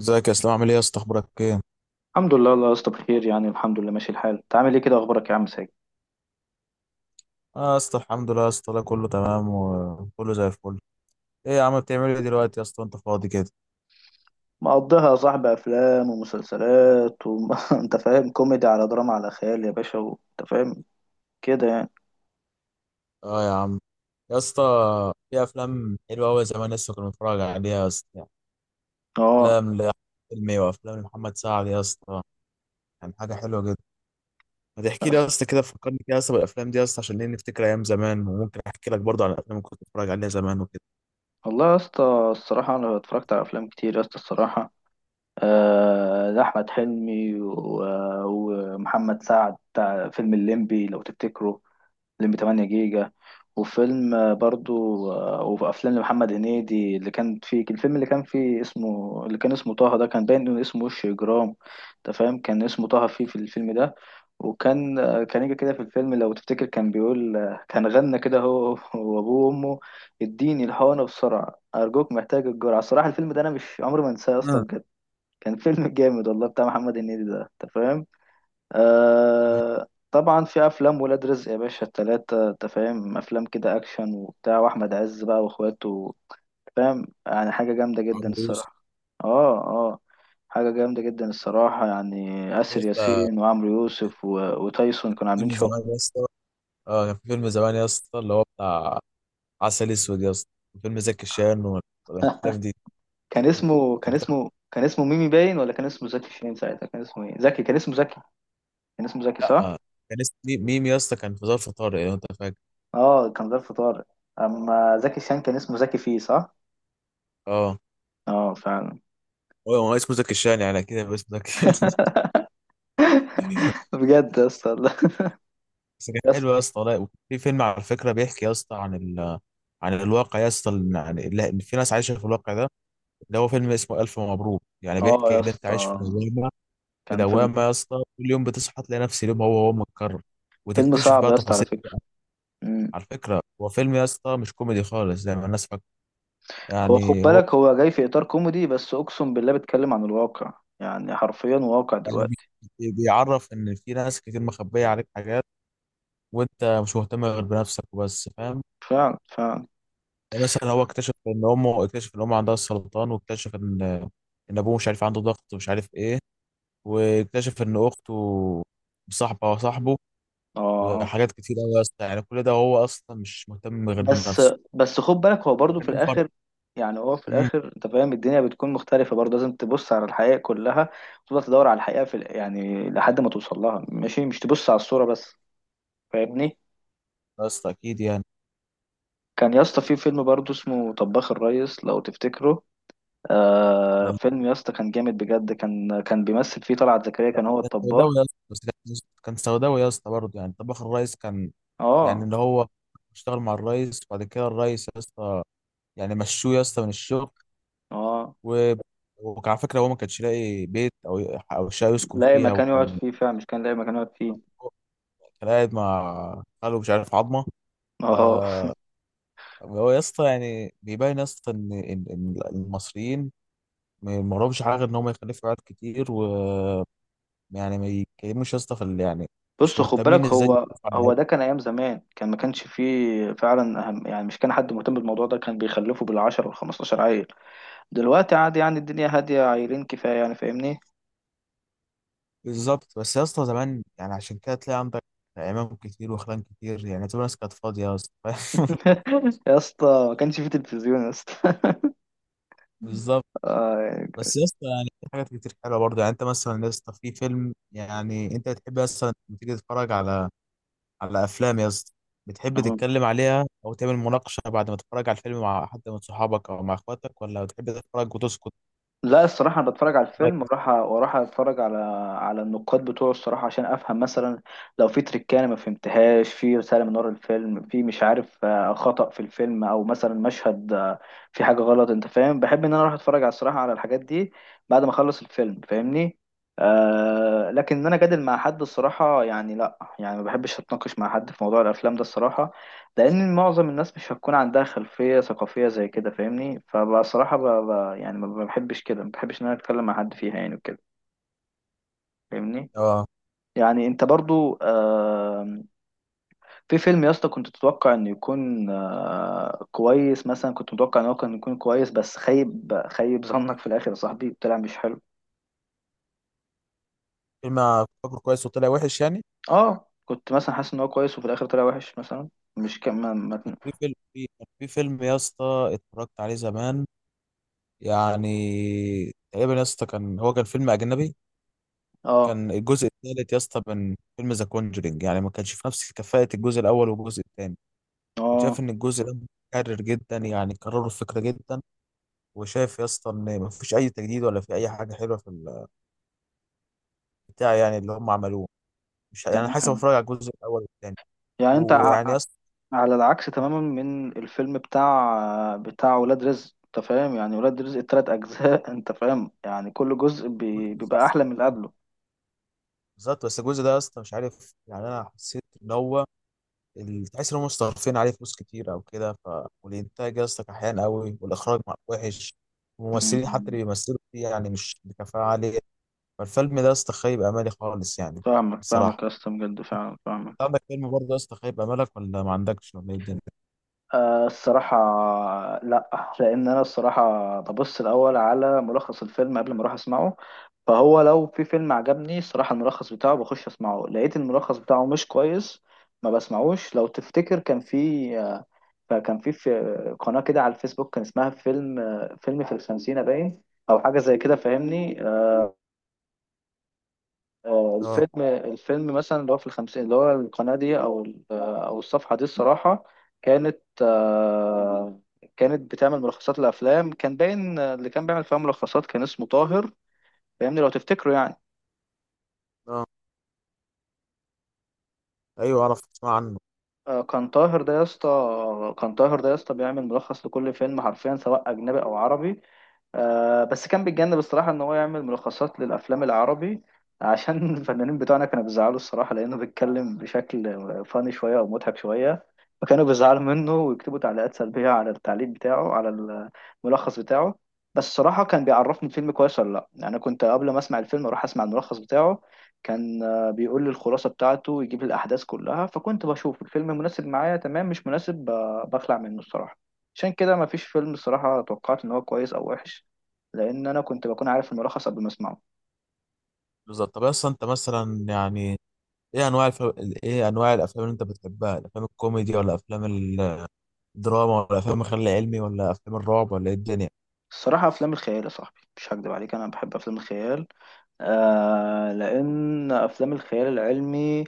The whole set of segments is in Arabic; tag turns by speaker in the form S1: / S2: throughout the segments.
S1: ازيك يا اسلام، عامل ايه يا اسطى؟ اخبارك ايه؟
S2: الحمد لله يا اسطى بخير، يعني الحمد لله ماشي الحال. انت عامل ايه كده؟ اخبارك يا عم ساجد؟
S1: اه يا اسطى، الحمد لله يا اسطى، لا كله تمام وكله زي الفل. ايه يا عم، بتعمل ايه دلوقتي يا اسطى؟ انت فاضي كده؟
S2: مقضيها يا صاحبي، افلام ومسلسلات انت فاهم، كوميدي على دراما على خيال يا باشا، انت فاهم كده يعني.
S1: اه يا عم، يا اسطى في افلام حلوه قوي زمان لسه كنا بنتفرج عليها يا اسطى يعني.
S2: اه
S1: افلام لاحمد حلمي وافلام لمحمد سعد يا اسطى، يعني حاجه حلوه جدا. ما تحكي لي يا
S2: بس
S1: اسطى كده، فكرني كده يا اسطى بالافلام دي يا اسطى، عشان ايه؟ نفتكر ايام زمان، وممكن احكي لك برضه عن الافلام اللي كنت بتفرج عليها زمان وكده.
S2: والله يا اسطى الصراحه انا اتفرجت على افلام كتير يا اسطى الصراحه. ده احمد حلمي ومحمد سعد بتاع فيلم الليمبي لو تفتكره، فيلم 8 جيجا، وفيلم برضو. وافلام لمحمد هنيدي، اللي كان فيه الفيلم اللي كان فيه اسمه، اللي كان اسمه طه، ده كان باين انه اسمه وش اجرام. انت فاهم، كان اسمه طه فيه في الفيلم ده. وكان كان يجي كده في الفيلم لو تفتكر، كان بيقول كان غنى كده هو وابوه وامه: اديني الحقنه بسرعه ارجوك محتاج الجرعه. الصراحه الفيلم ده انا مش عمري ما انساه يا اسطى
S1: امم
S2: بجد. كان فيلم جامد والله بتاع محمد هنيدي ده انت فاهم.
S1: امم.
S2: آه طبعا، في افلام ولاد رزق يا باشا التلاتة، انت فاهم افلام كده اكشن وبتاع، واحمد عز بقى واخواته، فاهم؟ يعني حاجة جامدة جدا
S1: عمرو يوسف.
S2: الصراحة. اه اه، حاجة جامدة جدا الصراحة، يعني
S1: يا
S2: آسر
S1: اسطى
S2: ياسين وعمرو يوسف وتايسون كانوا
S1: فيلم
S2: عاملين شغل.
S1: زمان يا اسطى، اه كان في فيلم زمان يا اسطى اللي هو بتاع عسل اسود يا اسطى. فيلم زكي شان والافلام دي
S2: كان اسمه كان
S1: كان بتاع.
S2: اسمه كان اسمه ميمي باين، ولا كان اسمه زكي شين؟ ساعتها كان اسمه ايه؟ زكي، كان اسمه زكي. كان اسمه زكي صح.
S1: لا، كان اسمه ميم يا اسطى، كان في ظرف طارق لو انت فاكر.
S2: اه كان ظرف طارق، اما زكي شان كان اسمه زكي فيه صح.
S1: اه،
S2: اه فعلا.
S1: هو هو اسمه زكي شان، يعني كده يبقى اسمه زكي
S2: بجد يا اسطى لا.
S1: بس كان
S2: يا اسطى،
S1: حلو يا اسطى والله. في فيلم على فكره بيحكي يا اسطى عن عن الواقع يا اسطى، يعني اللي إن في ناس عايشه في الواقع ده، اللي هو فيلم اسمه الف مبروك. يعني
S2: اه
S1: بيحكي
S2: يا
S1: ان انت عايش في
S2: اسطى
S1: دوامه، في
S2: كان فيلم،
S1: دوامه يا اسطى، كل يوم بتصحى تلاقي نفس اليوم هو هو متكرر،
S2: فيلم
S1: وتكتشف
S2: صعب
S1: بقى
S2: يا اسطى على
S1: تفاصيل.
S2: فكرة. مم.
S1: على فكره، هو فيلم يا اسطى مش كوميدي خالص زي ما الناس
S2: هو خد
S1: يعني، هو
S2: بالك، هو جاي في إطار كوميدي، بس أقسم بالله بيتكلم عن الواقع، يعني حرفيا واقع
S1: يعني
S2: دلوقتي.
S1: بيعرف ان في ناس كتير مخبيه عليك حاجات، وانت مش مهتم غير بنفسك وبس، فاهم؟
S2: فعلا فعلا.
S1: يعني مثلا هو اكتشف ان امه، اكتشف ان امه عندها السرطان، واكتشف ان ان ابوه مش عارف عنده ضغط، ومش عارف ايه، واكتشف ان اخته مصاحبه وصاحبه،
S2: اه آه.
S1: وحاجات كتير قوي يا اسطى، يعني كل ده هو اصلا مش مهتم غير
S2: بس
S1: بنفسه.
S2: بس خد بالك هو برضو
S1: كان
S2: في
S1: ليه فرق.
S2: الآخر، يعني هو في
S1: امم،
S2: الآخر أنت فاهم الدنيا بتكون مختلفة برضه، لازم تبص على الحقيقة كلها وتفضل تدور على الحقيقة في يعني لحد ما توصل لها ماشي، مش تبص على الصورة بس، فاهمني؟
S1: يا اسطى اكيد يعني.
S2: كان يا اسطى في فيلم برضه اسمه طباخ الريس لو تفتكره، آه فيلم يا اسطى كان جامد بجد، كان بيمثل فيه طلعت زكريا، كان هو
S1: كان
S2: الطباخ.
S1: سوداوي يا اسطى بس كان، كان سوداوي يا اسطى برضه، يعني طباخ الريس كان، يعني
S2: اه
S1: اللي هو اشتغل مع الريس، وبعد كده الريس يا اسطى يعني مشوه يا اسطى من الشغل،
S2: اه،
S1: و... وكان على فكره هو ما كانش لاقي بيت او او شقه يسكن
S2: لاقي
S1: فيها،
S2: مكان يقعد
S1: وكان
S2: فيه، فعلا مش كان لاقي مكان يقعد فيه.
S1: كان قاعد مع خاله، مش عارف عظمه. ف
S2: اه
S1: هو يا اسطى يعني بيبين يا اسطى ان ان إن المصريين ما وراهمش حاجه غير ان هم يخلفوا عيال كتير، ويعني ما يتكلموش يا اسطى في يعني مش
S2: بص خد بالك،
S1: مهتمين ازاي
S2: هو
S1: يخلفوا
S2: هو
S1: عيال.
S2: ده كان ايام زمان، كان ما كانش فيه فعلا اهم، يعني مش كان حد مهتم بالموضوع ده، كان بيخلفوا بالعشر وال15 عيل. دلوقتي عادي، يعني الدنيا هاديه، عيلين كفايه يعني، فاهمني؟
S1: بالظبط، بس يا اسطى زمان يعني عشان كده تلاقي عندك امام كتير وخلان كتير، يعني تبقى الناس كانت فاضيه يا اسطى، فاهم؟
S2: يا اسطى ما كانش فيه تلفزيون يا اسطى.
S1: بالظبط.
S2: آه،
S1: بس يا اسطى يعني في حاجات كتير حلوه برضه يعني. انت مثلا يا اسطى في فيلم، يعني انت بتحب مثلا لما تيجي تتفرج على على افلام يا اسطى، بتحب تتكلم عليها او تعمل مناقشه بعد ما تتفرج على الفيلم مع حد من صحابك او مع اخواتك، ولا بتحب تتفرج وتسكت؟
S2: لا الصراحة، أنا بتفرج على
S1: رأيك
S2: الفيلم
S1: يعني؟
S2: وأروح أتفرج على على النقاد بتوعه الصراحة عشان أفهم، مثلا لو في تريكة أنا ما فهمتهاش، في رسالة من ورا الفيلم، في مش عارف خطأ في الفيلم أو مثلا مشهد في حاجة غلط، أنت فاهم، بحب إن أنا أروح أتفرج على الصراحة على الحاجات دي بعد ما أخلص الفيلم، فاهمني. آه لكن إن أنا جادل مع حد الصراحة يعني لا، يعني ما بحبش أتناقش مع حد في موضوع الأفلام ده الصراحة، لان معظم الناس مش هتكون عندها خلفيه ثقافيه زي كده، فاهمني. فبصراحه يعني ما بحبش ان انا اتكلم مع حد فيها يعني وكده، فاهمني.
S1: اه.
S2: يعني انت برضو في فيلم يا اسطى كنت تتوقع انه يكون كويس، مثلا كنت متوقع ان هو كان يكون كويس، بس خيب ظنك في الاخر يا صاحبي، طلع مش حلو.
S1: فيلم فاكره كويس وطلع وحش يعني.
S2: اه كنت مثلا حاسس ان هو كويس وفي الاخر طلع وحش مثلا، مش كم ما... ما...
S1: كان في فيلم يا اسطى اتفرجت عليه زمان، يعني تقريبا يا اسطى كان هو كان فيلم اجنبي.
S2: اه
S1: كان الجزء الثالث يا اسطى من فيلم ذا كونجرينج، يعني ما كانش في نفس كفاءة الجزء الاول والجزء الثاني. كنت
S2: اه
S1: شايف ان الجزء ده متكرر جدا، يعني كرروا الفكرة جدا، وشايف يا اسطى ان ما فيش اي تجديد ولا في اي حاجة حلوة في بتاع، يعني اللي هم عملوه، مش يعني حاسس
S2: تمام.
S1: بتفرج على الجزء الاول والثاني.
S2: يعني انت
S1: ويعني يا اسطى
S2: على العكس تماما من الفيلم بتاع ولاد رزق، انت فاهم يعني، ولاد رزق التلات اجزاء انت فاهم يعني، كل جزء
S1: كل جزء
S2: بيبقى
S1: احسن
S2: احلى
S1: من
S2: من اللي
S1: الثاني.
S2: قبله.
S1: بالظبط، بس الجزء ده يا اسطى مش عارف يعني، انا حسيت ان هو تحس ان هم مصرفين عليه فلوس كتير او كده، والانتاج يا اسطى كحيان قوي، والاخراج وحش، الممثلين حتى
S2: أمم،
S1: اللي بيمثلوا فيه يعني مش بكفاءه عاليه. فالفيلم ده يا اسطى خيب امالي خالص يعني،
S2: فاهمك يا
S1: بصراحه.
S2: اسطى بجد، فعلا فاهمك.
S1: انت عندك فيلم برضه يا اسطى خيب امالك، ولا ما عندكش، ولا ايه الدنيا؟
S2: آه الصراحة لا، لأن أنا الصراحة ببص الأول على ملخص الفيلم قبل ما أروح أسمعه، فهو لو في فيلم عجبني الصراحة الملخص بتاعه بخش أسمعه، لقيت الملخص بتاعه مش كويس ما بسمعوش. لو تفتكر كان في، فكان في قناة كده على الفيسبوك كان اسمها فيلم، فيلم في الخمسينة باين، أو حاجة زي كده فاهمني.
S1: اه
S2: الفيلم الفيلم مثلا اللي هو في الخمسين، اللي هو القناة دي أو أو الصفحة دي الصراحة، كانت كانت بتعمل ملخصات الأفلام، كان باين اللي كان بيعمل فيها ملخصات كان اسمه طاهر، فاهمني لو تفتكره يعني.
S1: اه، ايوه، اعرف اسمع عنه.
S2: كان طاهر ده يا اسطى، كان طاهر ده يا اسطى بيعمل ملخص لكل فيلم حرفيا، سواء أجنبي أو عربي. بس كان بيتجنب الصراحة إن هو يعمل ملخصات للأفلام العربي، عشان الفنانين بتوعنا كانوا بيزعلوا الصراحة، لأنه بيتكلم بشكل فاني شوية أو مضحك شوية، فكانوا بيزعلوا منه ويكتبوا تعليقات سلبية على التعليق بتاعه على الملخص بتاعه. بس الصراحة كان بيعرفني الفيلم كويس ولا لأ، يعني أنا كنت قبل ما أسمع الفيلم أروح أسمع الملخص بتاعه، كان بيقول لي الخلاصة بتاعته ويجيب لي الأحداث كلها، فكنت بشوف الفيلم مناسب معايا تمام مش مناسب، بخلع منه الصراحة. عشان كده مفيش فيلم الصراحة توقعت إن هو كويس أو وحش، لان انا كنت بكون عارف الملخص قبل ما اسمعه.
S1: بالظبط. طب يا اسطى انت مثلا يعني، ايه انواع ايه انواع الافلام اللي انت بتحبها؟ الافلام الكوميدي، ولا افلام الدراما، ولا افلام الخيال العلمي، ولا افلام الرعب، ولا ايه الدنيا؟
S2: الصراحه افلام الخيال يا صاحبي، مش هكدب عليك انا بحب افلام الخيال، آه لأن أفلام الخيال العلمي،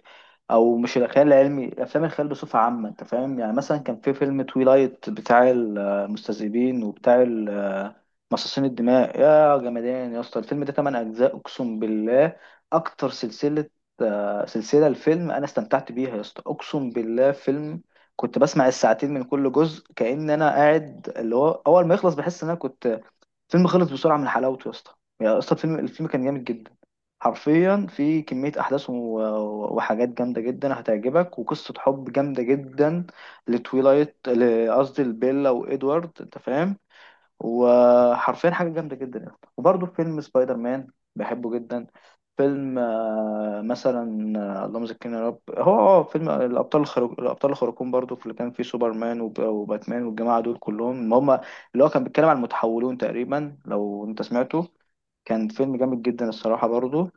S2: أو مش الخيال العلمي، أفلام الخيال بصفة عامة أنت فاهم يعني. مثلا كان في فيلم تويلايت بتاع المستذئبين وبتاع مصاصين الدماء، يا جمدان يا اسطى الفيلم ده، تمن أجزاء أقسم بالله، أكتر سلسلة، سلسلة الفيلم أنا استمتعت بيها يا اسطى أقسم بالله. فيلم كنت بسمع الساعتين من كل جزء كأن أنا قاعد، اللي هو أول ما يخلص بحس إن أنا كنت، الفيلم خلص بسرعه من حلاوته يا اسطى. يا اسطى الفيلم الفيلم كان جامد جدا، حرفيا في كميه احداث وحاجات جامده جدا هتعجبك، وقصه حب جامده جدا لتويلايت، قصدي لبيلا وادوارد انت فاهم، وحرفيا حاجة جامدة جدا يعني. وبرضه فيلم سبايدر مان بحبه جدا. فيلم مثلا اللهم ذكرنا يا رب، هو اه فيلم الابطال الخارق، الابطال الخارقون برضو، في اللي كان فيه سوبرمان وباتمان والجماعه دول كلهم، ما هم اللي هو كان بيتكلم عن المتحولون تقريبا لو انت سمعته، كان فيلم جامد جدا الصراحه برضو.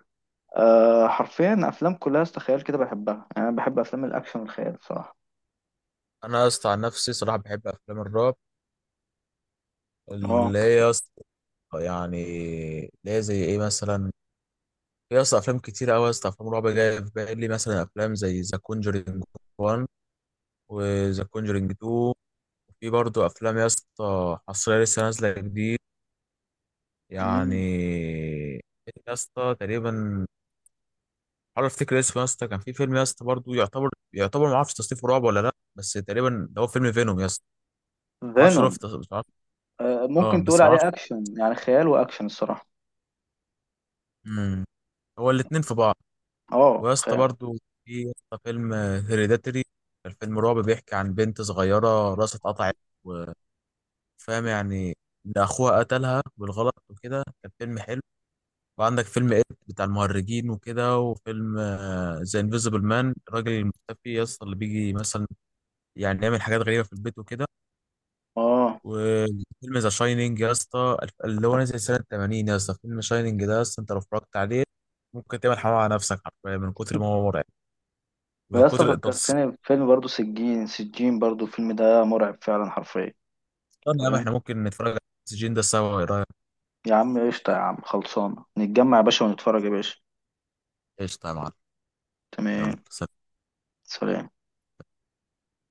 S2: أه حرفيا افلام كلها استخيال كده بحبها، يعني انا بحب افلام الاكشن والخيال الصراحه.
S1: انا يا اسطى عن نفسي صراحه بحب افلام الرعب،
S2: اه
S1: اللي هي يا اسطى يعني. اللي هي زي ايه مثلا؟ يا اسطى افلام كتير قوي يا اسطى، افلام رعب جايه في بالي مثلا، افلام زي ذا كونجرينج 1 وذا كونجرينج 2، وفي برضه افلام يا اسطى حصريه لسه نازله جديد يعني. يا اسطى تقريبا، حاول افتكر اسمه يا اسطى. كان في فيلم يا اسطى برضه يعتبر يعتبر ما اعرفش تصنيفه، رعب ولا لا، بس تقريبا ده هو فيلم فينوم يا اسطى. ما اعرفش، هو
S2: فينوم.
S1: في مش عارف.
S2: أه
S1: اه
S2: ممكن تقول
S1: بس ما اعرفش.
S2: عليه اكشن، يعني خيال واكشن الصراحه.
S1: مم. هو الاثنين في بعض.
S2: اه
S1: ويا اسطى برضه في يا اسطى فيلم هيريداتري، الفيلم رعب بيحكي عن بنت صغيرة راسها اتقطعت، وفاهم يعني إن أخوها قتلها بالغلط وكده، كان فيلم حلو. وعندك فيلم إد بتاع المهرجين وكده، وفيلم ذا انفيزبل مان، الراجل المختفي يا اسطى، اللي بيجي مثلا يعني يعمل حاجات غريبة في البيت وكده.
S2: اه.
S1: وفيلم ذا شاينينج يا اسطى، اللي هو نزل سنة 80 يا اسطى، فيلم شاينينج ده يا اسطى أنت لو اتفرجت عليه ممكن تعمل حمام على نفسك حرفيا من كتر ما هو مرعب، من
S2: ويا اسطى
S1: كتر
S2: فكرتني بفيلم برضه، سجين برضه الفيلم ده مرعب فعلا حرفيا.
S1: طب يا عم
S2: تمام،
S1: احنا ممكن نتفرج على السجين ده سوا، ايه رايك؟
S2: يا عم قشطة، يا عم خلصانة، نتجمع يا باشا ونتفرج يا باشا.
S1: قشطه يا معلم. يلا
S2: تمام،
S1: سلام.
S2: سلام.